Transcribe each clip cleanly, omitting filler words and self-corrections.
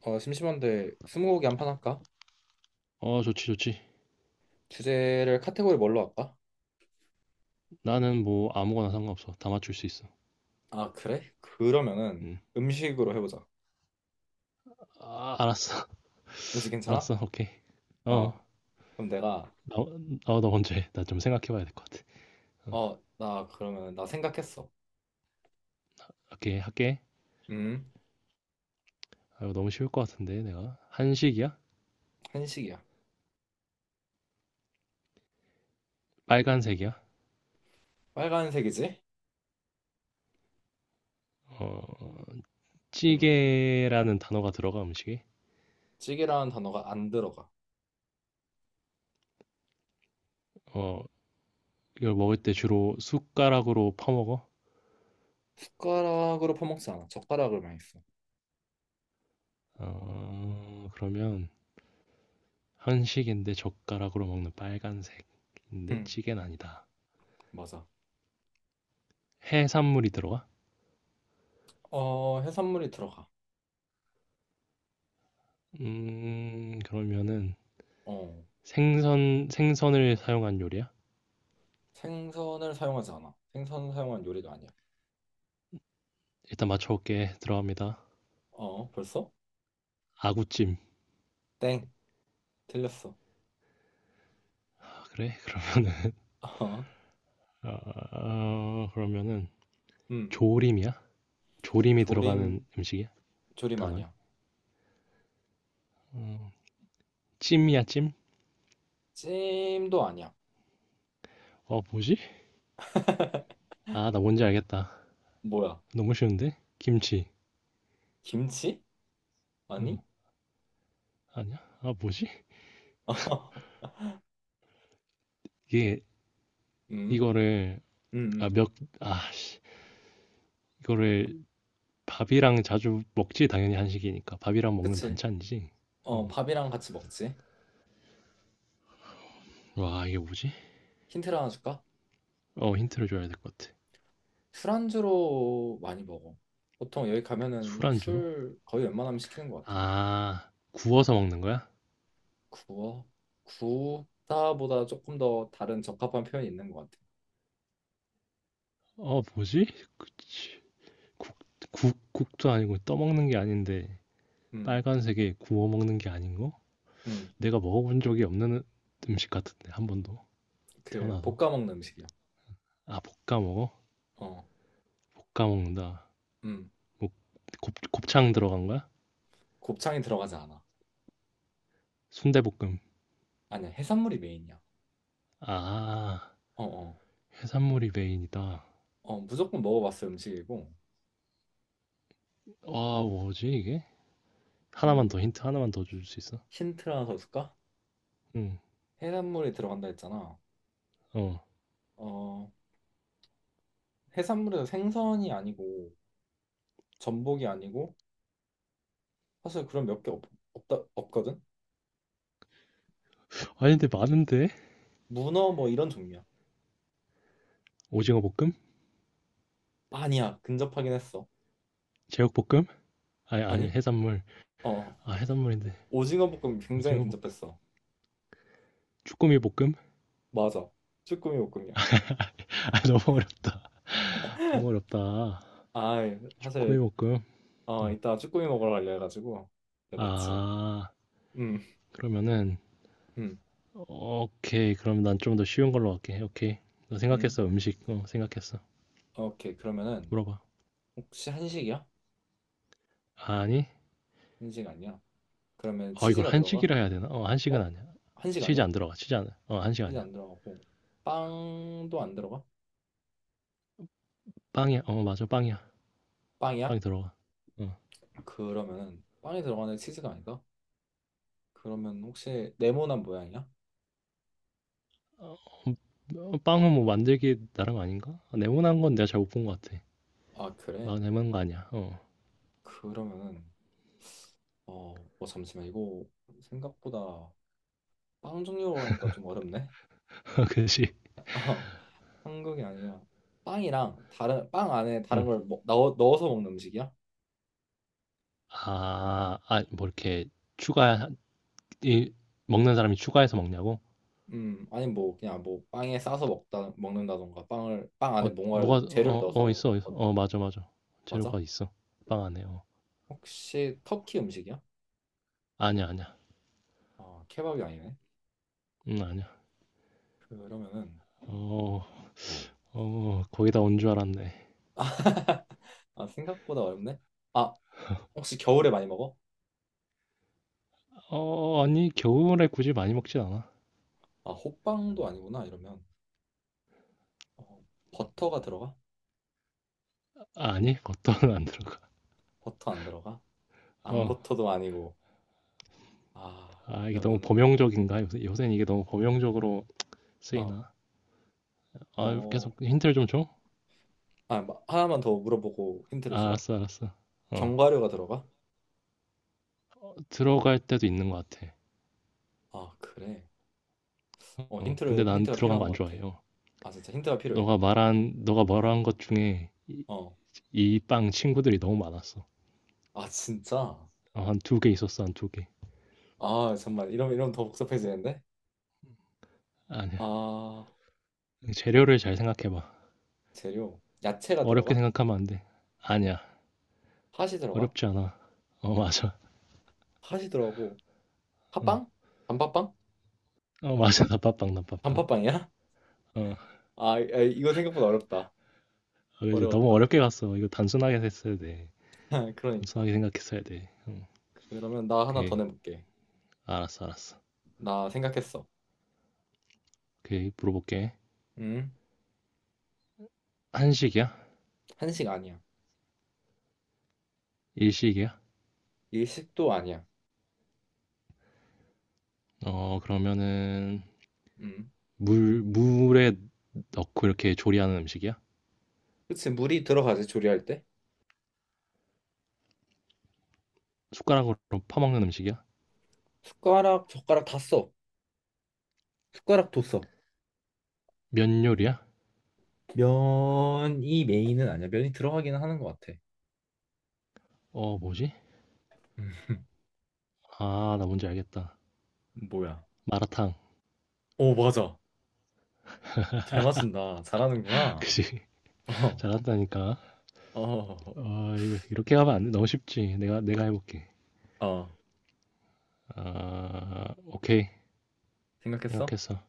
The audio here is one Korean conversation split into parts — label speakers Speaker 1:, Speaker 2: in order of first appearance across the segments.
Speaker 1: 심심한데 스무고개 한 판 할까?
Speaker 2: 좋지, 좋지.
Speaker 1: 주제를 카테고리 뭘로 할까?
Speaker 2: 나는 뭐 아무거나 상관없어. 다 맞출 수 있어.
Speaker 1: 아, 그래? 그러면은
Speaker 2: 응.
Speaker 1: 음식으로 해보자.
Speaker 2: 아, 알았어.
Speaker 1: 음식 괜찮아?
Speaker 2: 알았어. 오케이. 어,
Speaker 1: 어, 그럼 내가
Speaker 2: 나, 너 먼저 해. 나 좀 생각해봐야 될 것 같아. 어,
Speaker 1: 나 그러면 나 생각했어.
Speaker 2: 오케이, 할게.
Speaker 1: 음,
Speaker 2: 아, 이거 너무 쉬울 것 같은데, 내가. 한식이야?
Speaker 1: 한식이야. 음,
Speaker 2: 빨간색이야?
Speaker 1: 빨간색이지?
Speaker 2: 어,
Speaker 1: 음,
Speaker 2: 찌개라는 단어가 들어가, 음식에.
Speaker 1: 찌개라는 단어가 안 들어가.
Speaker 2: 어, 이걸 먹을 때
Speaker 1: 음,
Speaker 2: 주로 숟가락으로 퍼먹어.
Speaker 1: 숟가락으로 퍼먹지 않아. 젓가락으로만 있어.
Speaker 2: 그러면 한식인데 젓가락으로 먹는 빨간색인데
Speaker 1: 음,
Speaker 2: 찌개는 아니다.
Speaker 1: 맞아.
Speaker 2: 해산물이 들어가?
Speaker 1: 어, 해산물이 들어가.
Speaker 2: 그러면은
Speaker 1: 어,
Speaker 2: 생선을 사용한 요리야?
Speaker 1: 생선을 사용하지 않아. 생선 사용한 요리가 아니야.
Speaker 2: 일단 맞춰볼게. 들어갑니다.
Speaker 1: 어, 벌써?
Speaker 2: 아구찜.
Speaker 1: 땡, 틀렸어.
Speaker 2: 아, 그래? 그러면은
Speaker 1: 어.
Speaker 2: 아, 아, 그러면은
Speaker 1: 음,
Speaker 2: 조림이야? 조림이
Speaker 1: 조림
Speaker 2: 들어가는 음식이야?
Speaker 1: 조림
Speaker 2: 단어에?
Speaker 1: 아니야.
Speaker 2: 음, 찜이야, 찜?
Speaker 1: 찜도 아니야.
Speaker 2: 어, 뭐지? 아, 나 뭔지 알겠다.
Speaker 1: 뭐야?
Speaker 2: 너무 쉬운데? 김치.
Speaker 1: 김치?
Speaker 2: 어,
Speaker 1: 아니?
Speaker 2: 아니야? 아, 뭐지? 이게
Speaker 1: 음,
Speaker 2: 이거를
Speaker 1: 음,
Speaker 2: 아,
Speaker 1: 음.
Speaker 2: 몇, 아, 씨, 이거를 밥이랑 자주 먹지, 당연히 한식이니까. 밥이랑 먹는
Speaker 1: 그치.
Speaker 2: 반찬이지.
Speaker 1: 어,
Speaker 2: 어.
Speaker 1: 밥이랑 같이 먹지.
Speaker 2: 와, 이게 뭐지?
Speaker 1: 힌트를 하나 줄까?
Speaker 2: 어, 힌트를 줘야 될 것 같아.
Speaker 1: 술안주로 많이 먹어. 보통 여기 가면은
Speaker 2: 술안주로?
Speaker 1: 술 거의 웬만하면 시키는 것 같아.
Speaker 2: 아, 구워서 먹는 거야?
Speaker 1: 구워? 구다보다 조금 더 다른 적합한 표현이 있는 것 같아.
Speaker 2: 어, 뭐지? 그치. 국, 국, 국도 아니고 떠먹는 게 아닌데,
Speaker 1: 음,
Speaker 2: 빨간색에 구워 먹는 게 아닌 거?
Speaker 1: 음.
Speaker 2: 내가 먹어본 적이 없는 음식 같은데, 한 번도.
Speaker 1: 그
Speaker 2: 태어나서.
Speaker 1: 볶아 먹는 음식이야.
Speaker 2: 아, 볶아 먹어?
Speaker 1: 어,
Speaker 2: 볶아 먹는다.
Speaker 1: 음.
Speaker 2: 뭐, 곱창 들어간 거야?
Speaker 1: 곱창이 들어가지 않아.
Speaker 2: 순대볶음.
Speaker 1: 아니야, 해산물이 메인이야.
Speaker 2: 아,
Speaker 1: 어, 어.
Speaker 2: 해산물이 메인이다. 아,
Speaker 1: 무조건 먹어봤을 음식이고.
Speaker 2: 뭐지, 이게? 하나만
Speaker 1: 음,
Speaker 2: 더, 힌트 하나만 더 줄 수 있어?
Speaker 1: 힌트를 하나 더 줄까?
Speaker 2: 응,
Speaker 1: 해산물이 들어간다 했잖아.
Speaker 2: 어.
Speaker 1: 어, 해산물에서 생선이 아니고 전복이 아니고 사실 그런 몇 개 없다 없거든.
Speaker 2: 아니, 근데 많은데?
Speaker 1: 문어 뭐 이런 종류야.
Speaker 2: 오징어 볶음?
Speaker 1: 아니야, 근접하긴 했어.
Speaker 2: 제육볶음? 아니 아니
Speaker 1: 아니?
Speaker 2: 해산물.
Speaker 1: 어,
Speaker 2: 아 해산물인데
Speaker 1: 오징어 볶음 굉장히
Speaker 2: 오징어 볶음.
Speaker 1: 근접했어.
Speaker 2: 주꾸미 볶음?
Speaker 1: 맞아, 쭈꾸미 볶음이야.
Speaker 2: 아 너무 어렵다. 너무 어렵다.
Speaker 1: 아,
Speaker 2: 주꾸미
Speaker 1: 사실
Speaker 2: 볶음. 응.
Speaker 1: 이따 쭈꾸미 먹으러 가려 해가지고 네 맞지.
Speaker 2: 아
Speaker 1: 음,
Speaker 2: 그러면은
Speaker 1: 음,
Speaker 2: 오케이 그럼 난 좀 더 쉬운 걸로 할게. 오케이. 나
Speaker 1: 음.
Speaker 2: 생각했어 음식. 어 생각했어.
Speaker 1: 오케이, 그러면은
Speaker 2: 물어봐.
Speaker 1: 혹시 한식이야?
Speaker 2: 아니?
Speaker 1: 한식 아니야? 그러면
Speaker 2: 어 이걸
Speaker 1: 치즈가 들어가?
Speaker 2: 한식이라 해야 되나? 어 한식은
Speaker 1: 어?
Speaker 2: 아니야.
Speaker 1: 한식
Speaker 2: 치즈
Speaker 1: 아니야?
Speaker 2: 안 들어가. 치즈 안. 어 한식
Speaker 1: 치즈
Speaker 2: 아니야.
Speaker 1: 안 들어가고 빵도 안 들어가?
Speaker 2: 빵이야. 어 맞아 빵이야.
Speaker 1: 빵이야?
Speaker 2: 빵이 들어가. 어.
Speaker 1: 그러면은 빵이 들어가는 치즈가 아니다? 그러면 혹시 네모난 모양이야?
Speaker 2: 어, 빵은 뭐 만들기 나름 아닌가? 아, 네모난 건 내가 잘못 본 것 같아.
Speaker 1: 아, 그래?
Speaker 2: 막 네모난 거 아니야. 어.
Speaker 1: 그러면은 잠시만 이거 생각보다 빵 종류로 하니까 좀 어렵네?
Speaker 2: 그치
Speaker 1: 어 한국이 아니라 빵이랑 다른 빵 안에 다른
Speaker 2: 응.
Speaker 1: 걸 넣어서 먹는 음식이야?
Speaker 2: 아, 아, 뭐 이렇게 추가 이 먹는 사람이 추가해서 먹냐고?
Speaker 1: 아니 뭐 그냥 뭐 빵에 싸서 먹다 먹는다던가 빵을 빵
Speaker 2: 어,
Speaker 1: 안에 뭔가를
Speaker 2: 뭐가
Speaker 1: 재료를
Speaker 2: 어
Speaker 1: 넣어서
Speaker 2: 있어, 있어. 어, 맞아, 맞아.
Speaker 1: 맞아?
Speaker 2: 재료가 있어. 빵 안에. 어.
Speaker 1: 혹시 터키 음식이야?
Speaker 2: 아니야, 아니야.
Speaker 1: 아, 케밥이 아니네?
Speaker 2: 아니야.
Speaker 1: 그러면은
Speaker 2: 어, 어, 거기다 온 줄 알았네.
Speaker 1: 아, 생각보다 어렵네. 아, 혹시 겨울에 많이 먹어?
Speaker 2: 어, 아니, 겨울에 굳이 많이 먹진 않아.
Speaker 1: 아, 호빵도 아니구나 이러면 어, 버터가 들어가?
Speaker 2: 아, 아니, 겉도는 안 들어가.
Speaker 1: 버터 안 들어가?
Speaker 2: 어,
Speaker 1: 앙버터도 아니고 아,
Speaker 2: 아, 이게 너무
Speaker 1: 이러면은
Speaker 2: 범용적인가? 요새는 이게 너무 범용적으로 쓰이나? 아,
Speaker 1: 어어아
Speaker 2: 계속 힌트를 좀 줘?
Speaker 1: 하나만 더 물어보고 힌트를
Speaker 2: 아,
Speaker 1: 주라.
Speaker 2: 알았어, 알았어. 어,
Speaker 1: 견과류가 들어가?
Speaker 2: 들어갈 때도 있는 것 같아.
Speaker 1: 아, 그래.
Speaker 2: 어, 근데
Speaker 1: 힌트를
Speaker 2: 난
Speaker 1: 힌트가
Speaker 2: 들어간 거
Speaker 1: 필요한
Speaker 2: 안
Speaker 1: 것
Speaker 2: 좋아해.
Speaker 1: 같아.
Speaker 2: 요
Speaker 1: 아, 진짜 힌트가 필요해.
Speaker 2: 너가
Speaker 1: 어,
Speaker 2: 말한 것 중에
Speaker 1: 어.
Speaker 2: 이 빵 친구들이 너무 많았어.
Speaker 1: 아, 진짜?
Speaker 2: 어, 한 두 개.
Speaker 1: 아, 정말 이러면 더 복잡해지는데?
Speaker 2: 아니야.
Speaker 1: 아,
Speaker 2: 재료를 잘 생각해봐.
Speaker 1: 재료 야채가
Speaker 2: 어렵게
Speaker 1: 들어가?
Speaker 2: 생각하면 안 돼. 아니야.
Speaker 1: 팥이 들어가?
Speaker 2: 어렵지 않아. 어, 맞아.
Speaker 1: 팥이 들어가고
Speaker 2: 어,
Speaker 1: 팥빵? 단팥빵?
Speaker 2: 어, 맞아. 나빠빵.
Speaker 1: 단팥빵이야?
Speaker 2: 어,
Speaker 1: 아, 이거 생각보다 어렵다.
Speaker 2: 아, 그지. 너무
Speaker 1: 어려웠다.
Speaker 2: 어렵게 갔어. 이거 단순하게 했어야 돼.
Speaker 1: 그러니까.
Speaker 2: 단순하게 생각했어야 돼. 응,
Speaker 1: 그러면 나 하나 더
Speaker 2: 오케이.
Speaker 1: 내볼게.
Speaker 2: 알았어, 알았어.
Speaker 1: 나 생각했어.
Speaker 2: 오케이. 물어볼게.
Speaker 1: 음,
Speaker 2: 한식이야?
Speaker 1: 한식 아니야.
Speaker 2: 일식이야?
Speaker 1: 일식도 아니야.
Speaker 2: 어, 그러면은,
Speaker 1: 음,
Speaker 2: 물에 넣고 이렇게 조리하는 음식이야?
Speaker 1: 그치, 물이 들어가지, 조리할 때.
Speaker 2: 숟가락으로 퍼먹는 음식이야?
Speaker 1: 숟가락, 젓가락 다 써. 숟가락도 써.
Speaker 2: 면 요리야?
Speaker 1: 면이 메인은 아니야. 면이 들어가기는 하는 것 같아.
Speaker 2: 어, 뭐지?
Speaker 1: 음,
Speaker 2: 아, 나 뭔지 알겠다.
Speaker 1: 뭐야?
Speaker 2: 마라탕.
Speaker 1: 오, 맞아. 잘 맞춘다. 잘하는구나.
Speaker 2: 그지?
Speaker 1: 어,
Speaker 2: 잘한다니까.
Speaker 1: 어,
Speaker 2: 어, 이거 이렇게 가면 안 돼. 너무 쉽지. 내가 해볼게.
Speaker 1: 어.
Speaker 2: 아, 오케이.
Speaker 1: 생각했어?
Speaker 2: 생각했어.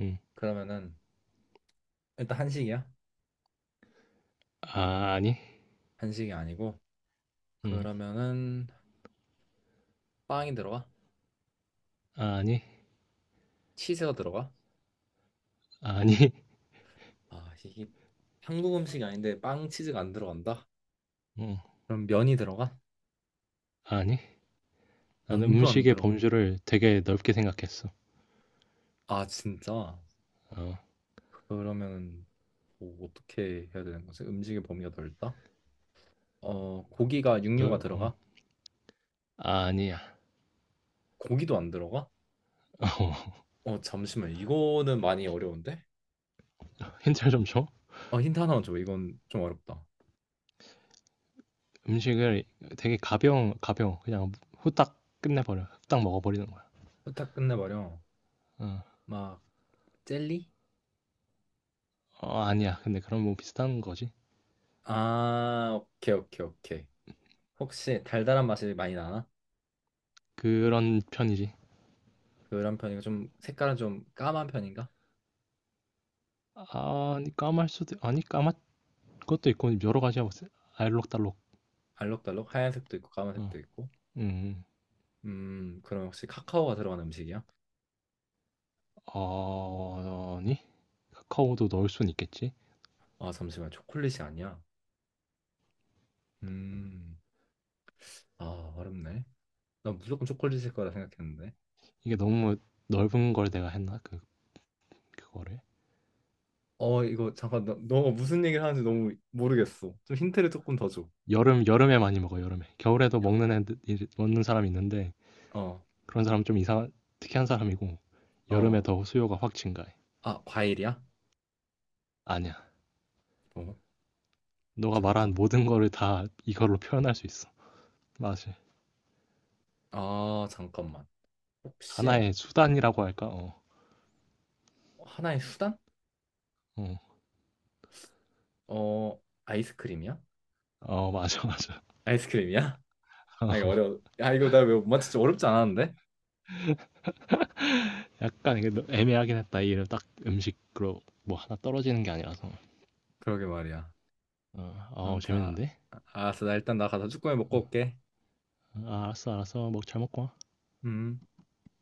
Speaker 2: 응.
Speaker 1: 그러면은 일단 한식이야.
Speaker 2: 아, 아니.
Speaker 1: 한식이 아니고
Speaker 2: 응.
Speaker 1: 그러면은 빵이 들어가?
Speaker 2: 아, 아니.
Speaker 1: 치즈가 들어가?
Speaker 2: 아, 아니.
Speaker 1: 아, 이게 한국 음식이 아닌데 빵 치즈가 안 들어간다?
Speaker 2: 응.
Speaker 1: 그럼 면이 들어가?
Speaker 2: 아, 아니. 나는
Speaker 1: 면도 안
Speaker 2: 음식의
Speaker 1: 들어가.
Speaker 2: 범주를 되게
Speaker 1: 어.
Speaker 2: 넓게 생각했어.
Speaker 1: 아, 진짜?
Speaker 2: 어,
Speaker 1: 그러면 뭐 어떻게 해야 되는 거지? 음식의 범위가 넓다? 고기가 육류가
Speaker 2: 널, 어.
Speaker 1: 들어가?
Speaker 2: 아, 아니야.
Speaker 1: 고기도 안 들어가? 잠시만. 이거는 많이 어려운데?
Speaker 2: 어, 힌트를 좀 줘.
Speaker 1: 힌트 하나만 줘. 이건 좀 어렵다.
Speaker 2: 음식을 되게 가벼운, 그냥 후딱 끝내버려. 후딱 먹어버리는
Speaker 1: 부탁 끝내버려.
Speaker 2: 어.
Speaker 1: 막 젤리?
Speaker 2: 어 아니야. 근데 그럼 뭐 비슷한 거지.
Speaker 1: 아, 오케이, 오케이, 오케이. 혹시 달달한 맛이 많이 나나?
Speaker 2: 그런 편이지.
Speaker 1: 그런 편이고 좀 색깔은 좀 까만 편인가?
Speaker 2: 아, 아니 까말 수도 아니 까맛 것도 있고 여러 가지야 뭐 알록달록.
Speaker 1: 알록달록 하얀색도 있고
Speaker 2: 어.
Speaker 1: 까만색도 있고.
Speaker 2: 음.
Speaker 1: 그럼 혹시 카카오가 들어간 음식이야?
Speaker 2: 어, 아니 카카오도 넣을 순 있겠지.
Speaker 1: 아, 잠시만. 초콜릿이 아니야. 음. 아, 어렵네. 난 무조건 초콜릿일 거라 생각했는데.
Speaker 2: 이게 너무 넓은 걸 내가 했나 그 그거를.
Speaker 1: 이거 잠깐 너 무슨 얘기를 하는지 너무 모르겠어. 좀 힌트를 조금 더 줘.
Speaker 2: 여름에 많이 먹어 여름에. 겨울에도
Speaker 1: 여-
Speaker 2: 먹는 애들 먹는 사람이 있는데
Speaker 1: 어,
Speaker 2: 그런 사람 좀 이상한 특이한 사람이고 여름에
Speaker 1: 어.
Speaker 2: 더 수요가 확 증가해.
Speaker 1: 아, 과일이야?
Speaker 2: 아니야.
Speaker 1: 어,
Speaker 2: 너가 말한
Speaker 1: 잠깐.
Speaker 2: 모든 거를 다 이걸로 표현할 수 있어. 맞아
Speaker 1: 아, 잠깐만. 혹시
Speaker 2: 하나의 수단이라고 할까? 어,
Speaker 1: 하나의 수단?
Speaker 2: 어,
Speaker 1: 어, 아이스크림이야?
Speaker 2: 어, 맞아, 맞아.
Speaker 1: 아이스크림이야? 아, 이거
Speaker 2: 어,
Speaker 1: 어려워. 아, 이거 나 왜 못 맞췄지? 어렵지 않았는데?
Speaker 2: 약간 이게 너- 애매하긴 했다. 이 이름 딱 음식으로 뭐 하나 떨어지는 게 아니라서.
Speaker 1: 그러게 말이야.
Speaker 2: 어, 어
Speaker 1: 아무튼 아,
Speaker 2: 재밌는데?
Speaker 1: 알았어. 나 일단 나 가서 쭈꾸미 먹고 올게.
Speaker 2: 어, 알았어, 알았어. 먹 잘 먹고 와.
Speaker 1: 음.